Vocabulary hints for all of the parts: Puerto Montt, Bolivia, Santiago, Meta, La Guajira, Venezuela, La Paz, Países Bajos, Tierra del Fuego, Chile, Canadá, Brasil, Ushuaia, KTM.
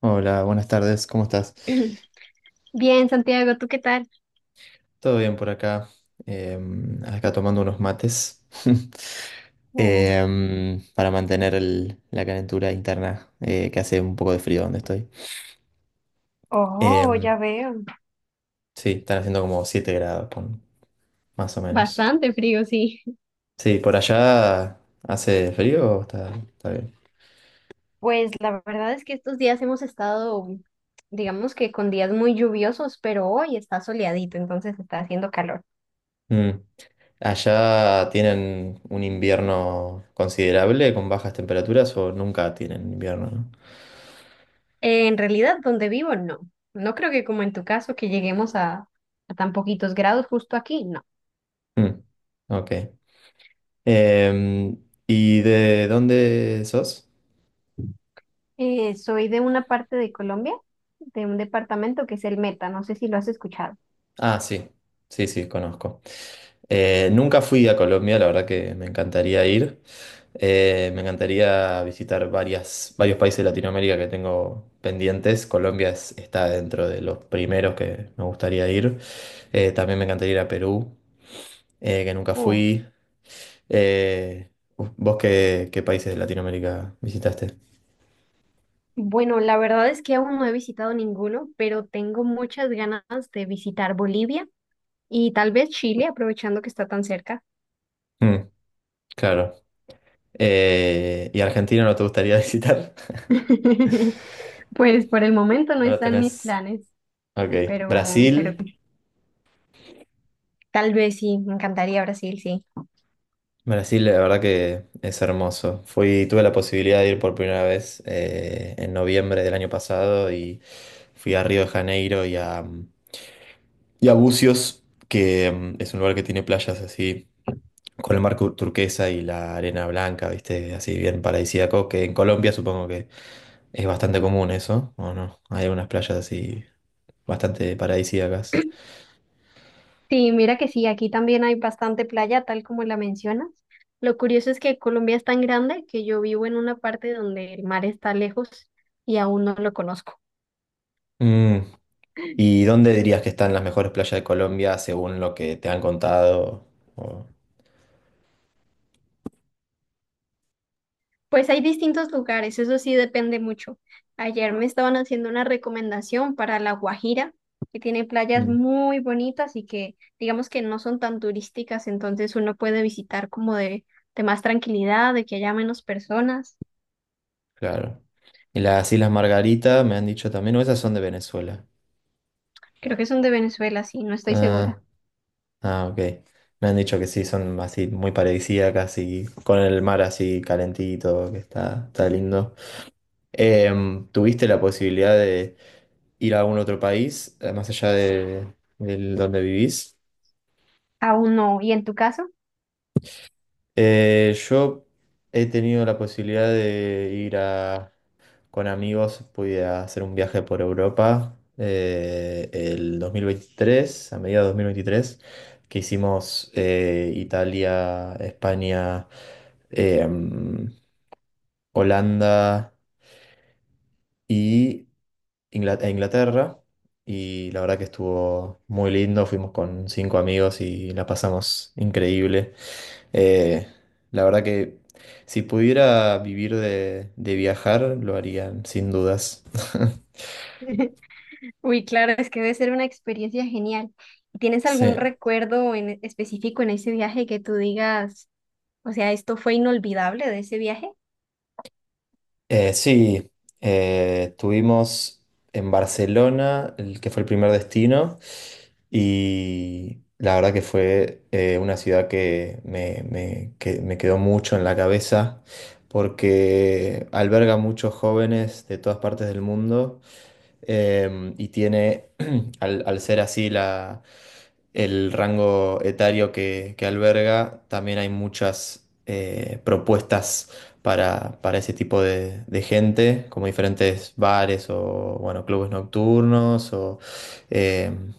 Hola, buenas tardes, ¿cómo estás? Bien, Santiago, ¿tú qué tal? Todo bien por acá, acá tomando unos mates Oh. Para mantener la calentura interna que hace un poco de frío donde estoy. Oh, Em, ya veo. sí, están haciendo como 7 grados, más o menos. Bastante frío, sí. Sí, por allá hace frío o está bien. Pues la verdad es que estos días hemos estado, digamos que con días muy lluviosos, pero hoy está soleadito, entonces está haciendo calor. Mm. ¿Allá tienen un invierno considerable con bajas temperaturas o nunca tienen invierno, ¿no? En realidad, donde vivo, no. No creo que como en tu caso, que lleguemos a tan poquitos grados justo aquí, no. Mm, ok. Em, ¿Y de dónde sos? Soy de una parte de Colombia, de un departamento que es el Meta, no sé si lo has escuchado. Ah, sí, sí, sí, conozco. Nunca fui a Colombia, la verdad que me encantaría ir. Me encantaría visitar varios países de Latinoamérica que tengo pendientes. Está dentro de los primeros que me gustaría ir. También me encantaría ir a Perú, que nunca fui. Eh, ¿Vos qué países de Latinoamérica visitaste? Bueno, la verdad es que aún no he visitado ninguno, pero tengo muchas ganas de visitar Bolivia y tal vez Chile, aprovechando que está tan cerca. Mm, claro. ¿Y Argentina no te gustaría visitar? Pues por el momento no ¿No lo están mis tenés? planes, Ok. pero Brasil. tal vez sí, me encantaría Brasil, sí. Brasil, la verdad que es hermoso. Fui, tuve la posibilidad de ir por primera vez en noviembre del año pasado y fui a Río de Janeiro y a Búzios, que mm, es un lugar que tiene playas así, con el mar turquesa y la arena blanca, ¿viste? Así bien paradisíaco, que en Colombia supongo que es bastante común eso, ¿o no? Hay unas playas así bastante paradisíacas. Sí, mira que sí, aquí también hay bastante playa, tal como la mencionas. Lo curioso es que Colombia es tan grande que yo vivo en una parte donde el mar está lejos y aún no lo conozco. Mm. ¿Y dónde dirías que están las mejores playas de Colombia según lo que te han contado? O- Pues hay distintos lugares, eso sí depende mucho. Ayer me estaban haciendo una recomendación para La Guajira, que tiene playas Mm, muy bonitas y que digamos que no son tan turísticas, entonces uno puede visitar como de más tranquilidad, de que haya menos personas. claro. ¿Y las Islas Margarita me han dicho también, o esas son de Venezuela? Creo que son de Venezuela, sí, no estoy Ah, segura. ah, ok. Me han dicho que sí, son así muy paradisíacas y con el mar así calentito, que está lindo. ¿Tuviste la posibilidad de ir a algún otro país, más allá del donde vivís? Aún no. ¿Y en tu caso? Yo he tenido la posibilidad de ir a... con amigos pude hacer un viaje por Europa el 2023, a mediados de 2023, que hicimos Italia, España, eh, mm, Holanda y e Inglaterra. Y la verdad que estuvo muy lindo, fuimos con 5 amigos y la pasamos increíble. Eh, la verdad que si pudiera vivir de viajar, lo harían sin dudas. Uy, claro, es que debe ser una experiencia genial. ¿Tienes algún Sí. recuerdo en específico en ese viaje que tú digas, o sea, esto fue inolvidable de ese viaje? Eh, sí, Estuvimos en Barcelona, el que fue el primer destino, y la verdad que fue una ciudad que que me quedó mucho en la cabeza porque alberga muchos jóvenes de todas partes del mundo. Y tiene, al ser así el rango etario que alberga, también hay muchas propuestas para ese tipo de gente, como diferentes bares o bueno, clubes nocturnos o em,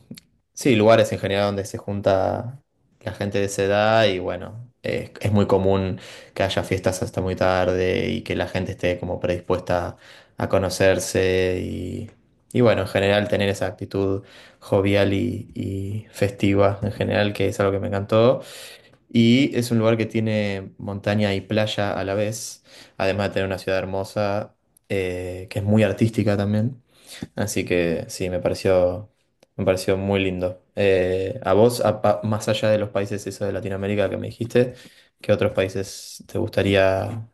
sí, lugares en general donde se junta la gente de esa edad y bueno. Es muy común que haya fiestas hasta muy tarde y que la gente esté como predispuesta a conocerse y bueno, en general tener esa actitud jovial y festiva, en general, que es algo que me encantó. Y es un lugar que tiene montaña y playa a la vez, además de tener una ciudad hermosa, que es muy artística también. Así que sí, me pareció muy lindo. A vos, más allá de los países esos de Latinoamérica que me dijiste, ¿qué otros países te gustaría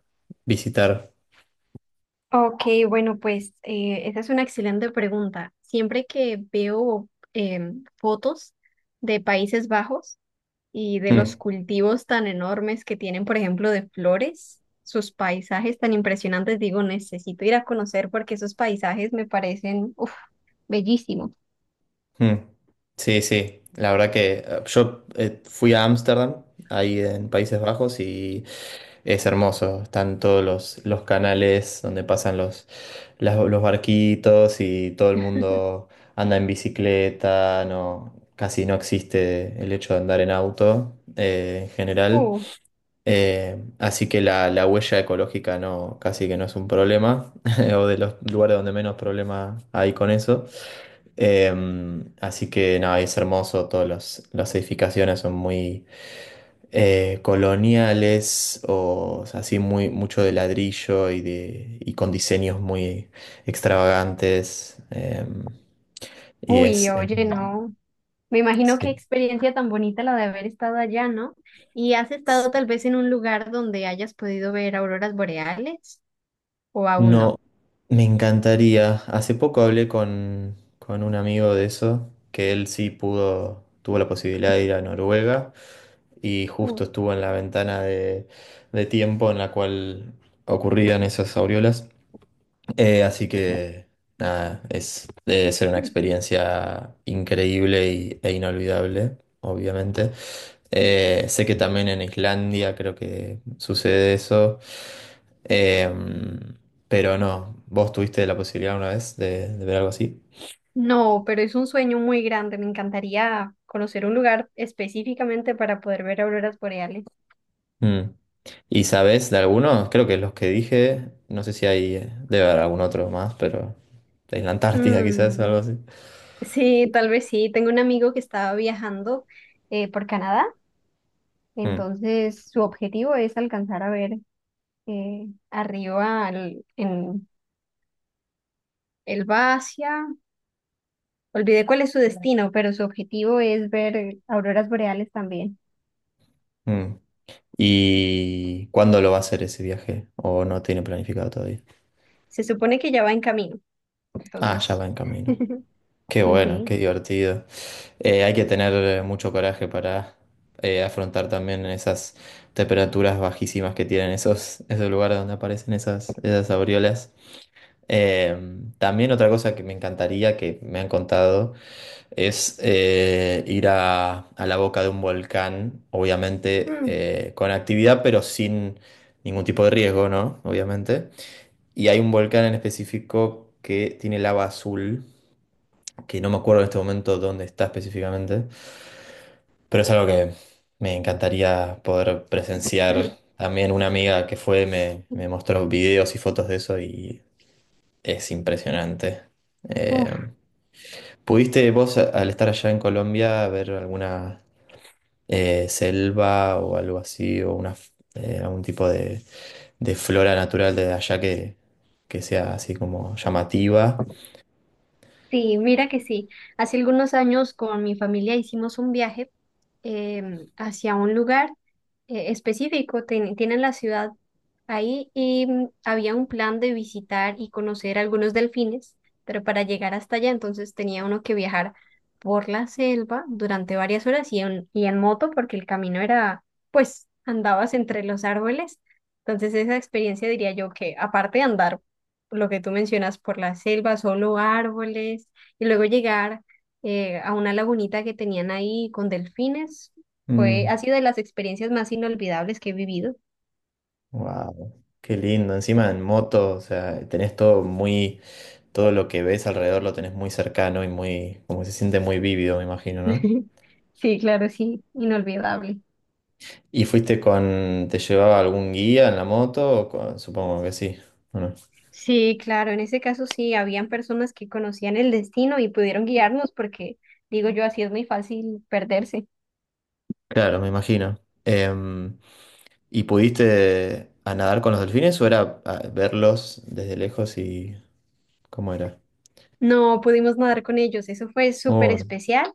visitar? Ok, bueno, pues esa es una excelente pregunta. Siempre que veo fotos de Países Bajos y de los Mm. cultivos tan enormes que tienen, por ejemplo, de flores, sus paisajes tan impresionantes, digo, necesito ir a conocer porque esos paisajes me parecen, uf, bellísimos. Mm. Sí, sí, la verdad que yo fui a Ámsterdam, ahí en Países Bajos, y es hermoso. Están todos los canales donde pasan los barquitos y todo el mundo anda en bicicleta, no, casi no existe el hecho de andar en auto en general. Así que la huella ecológica no, casi que no es un problema, o de los lugares donde menos problema hay con eso. Eh, Así que nada, es hermoso, todas las edificaciones son muy coloniales o sea, así muy, mucho de ladrillo y con diseños muy extravagantes. Y Uy, es, eh, oye, no. Me imagino qué sí. experiencia tan bonita la de haber estado allá, ¿no? ¿Y has estado tal vez en un lugar donde hayas podido ver auroras boreales o aún no? No, me encantaría. Hace poco hablé con un amigo de eso, que él sí pudo, tuvo la posibilidad de ir a Noruega. Y Mm. justo estuvo en la ventana de tiempo en la cual ocurrían esas aureolas. Así que nada, es, debe ser una experiencia increíble e inolvidable, obviamente. Sé que también en Islandia creo que sucede eso. Eh, pero no, ¿vos tuviste la posibilidad una vez de ver algo así? No, pero es un sueño muy grande. Me encantaría conocer un lugar específicamente para poder ver auroras boreales. Mm. ¿Y sabes de algunos? Creo que los que dije, no sé si hay, debe haber algún otro más, pero en la Antártida quizás, algo Mm, así. sí, tal vez sí. Tengo un amigo que estaba viajando por Canadá, Mm, entonces su objetivo es alcanzar a ver arriba al- en Él va hacia, olvidé cuál es su destino, pero su objetivo es ver auroras boreales también. mm. ¿Y cuándo lo va a hacer ese viaje? ¿O no tiene planificado todavía? Se supone que ya va en camino, Ah, ya entonces. va en camino. Qué Sí, bueno, sí. qué divertido. Hay que tener mucho coraje para afrontar también esas temperaturas bajísimas que tienen esos lugares donde aparecen esas aureolas. Eh, También otra cosa que me encantaría, que me han contado, es ir a la boca de un volcán, obviamente Mm. Con actividad, pero sin ningún tipo de riesgo, ¿no? Obviamente. Y hay un volcán en específico que tiene lava azul, que no me acuerdo en este momento dónde está específicamente, pero es algo que me encantaría poder presenciar. También una amiga que fue me mostró videos y fotos de eso y es impresionante. Eh, Uf. ¿Pudiste vos, al estar allá en Colombia, ver alguna selva o algo así, o algún tipo de flora natural de allá que sea así como llamativa? Sí, mira que sí. Hace algunos años con mi familia hicimos un viaje hacia un lugar específico. Tienen la ciudad ahí y mm, había un plan de visitar y conocer algunos delfines, pero para llegar hasta allá entonces tenía uno que viajar por la selva durante varias horas y y en moto porque el camino era, pues, andabas entre los árboles. Entonces esa experiencia diría yo que aparte de andar lo que tú mencionas, por la selva, solo árboles, y luego llegar a una lagunita que tenían ahí con delfines, fue, ha sido de las experiencias más inolvidables que he vivido. Wow, qué lindo. Encima en moto, o sea, tenés todo muy, todo lo que ves alrededor lo tenés muy cercano y muy, como se siente muy vívido, me imagino, ¿no? Sí, claro, sí, inolvidable. ¿Y fuiste con, te llevaba algún guía en la moto? O con- supongo que sí. Bueno, Sí, claro, en ese caso sí, habían personas que conocían el destino y pudieron guiarnos porque, digo yo, así es muy fácil perderse. claro, me imagino. Em, ¿Y pudiste a nadar con los delfines o era ah, verlos desde lejos y cómo era? No pudimos nadar con ellos, eso fue súper Oh, especial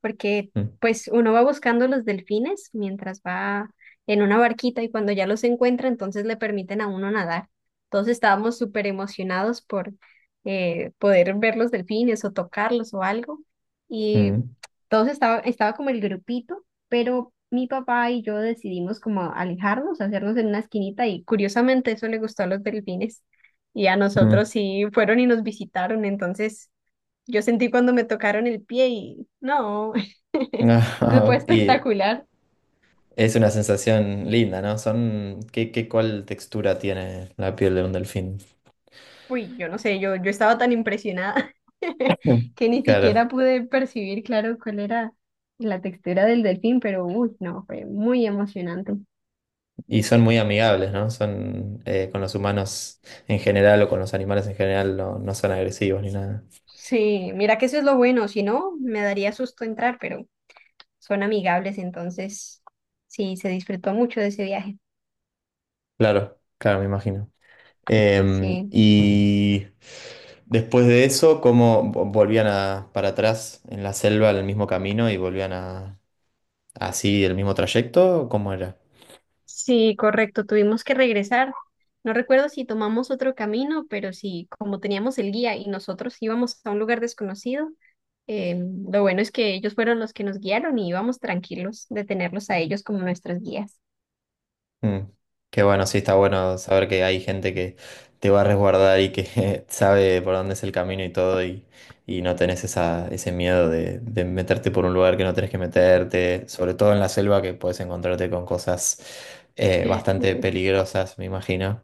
porque mm, pues uno va buscando los delfines mientras va en una barquita y cuando ya los encuentra, entonces le permiten a uno nadar. Todos estábamos súper emocionados por poder ver los delfines o tocarlos o algo. Y mm, todos estaba como el grupito, pero mi papá y yo decidimos como alejarnos, hacernos en una esquinita y curiosamente eso le gustó a los delfines. Y a mm. nosotros sí fueron y nos visitaron, entonces yo sentí cuando me tocaron el pie y no, eso fue Y espectacular. es una sensación linda, ¿no? Son, ¿qué, qué, cuál textura tiene la piel de un delfín? Uy, yo no sé, yo estaba tan impresionada Mm. que ni Claro, siquiera pude percibir, claro, cuál era la textura del delfín, pero uy, no, fue muy emocionante. y son muy amigables, ¿no? Son con los humanos en general o con los animales en general, no, no son agresivos ni nada. Sí, mira que eso es lo bueno, si no, me daría susto entrar, pero son amigables, entonces sí, se disfrutó mucho de ese viaje. Claro, claro, me imagino. Sí. Y después de eso, como volvían a, para atrás en la selva, en el mismo camino y volvían a así el mismo trayecto, ¿cómo era? Sí, correcto, tuvimos que regresar. No recuerdo si tomamos otro camino, pero sí, como teníamos el guía y nosotros íbamos a un lugar desconocido, eh, lo bueno es que ellos fueron los que nos guiaron y íbamos tranquilos de tenerlos a ellos como nuestros guías. Mm, qué bueno, sí, está bueno saber que hay gente que te va a resguardar y que sabe por dónde es el camino y todo y no tenés ese miedo de meterte por un lugar que no tenés que meterte, sobre todo en la selva que puedes encontrarte con cosas bastante peligrosas, me imagino.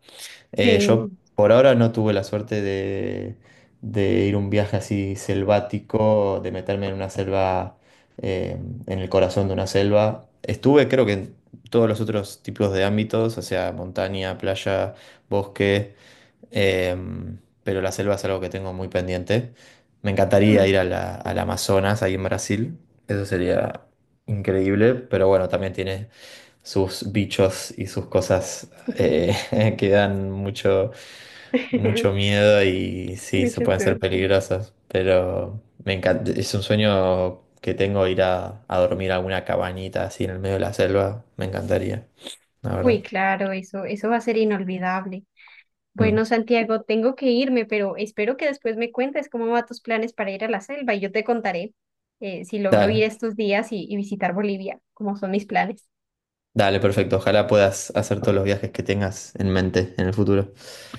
Yo Sí. por ahora no tuve la suerte de ir a un viaje así selvático, de meterme en una selva, eh, en el corazón de una selva. Estuve creo que en todos los otros tipos de ámbitos, o sea, montaña, playa, bosque, pero la selva es algo que tengo muy pendiente. Me encantaría ir Mm. Al Amazonas, ahí en Brasil, eso sería increíble, pero bueno, también tiene sus bichos y sus cosas que dan mucho miedo y sí, Muy se pueden ser chistoso. peligrosos, pero me encanta, es un sueño que tengo ir a dormir a alguna cabañita así en el medio de la selva, me encantaría, la Uy, verdad. claro, eso va a ser inolvidable. Mm. Bueno, Santiago, tengo que irme, pero espero que después me cuentes cómo van tus planes para ir a la selva y yo te contaré si logro ir Dale, estos días y visitar Bolivia, cómo son mis planes. dale, perfecto, ojalá puedas hacer todos los viajes que tengas en mente en el futuro.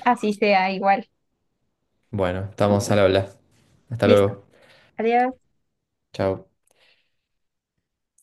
Así sea, igual. Bueno, estamos al habla, hasta Listo. luego, Adiós. chao.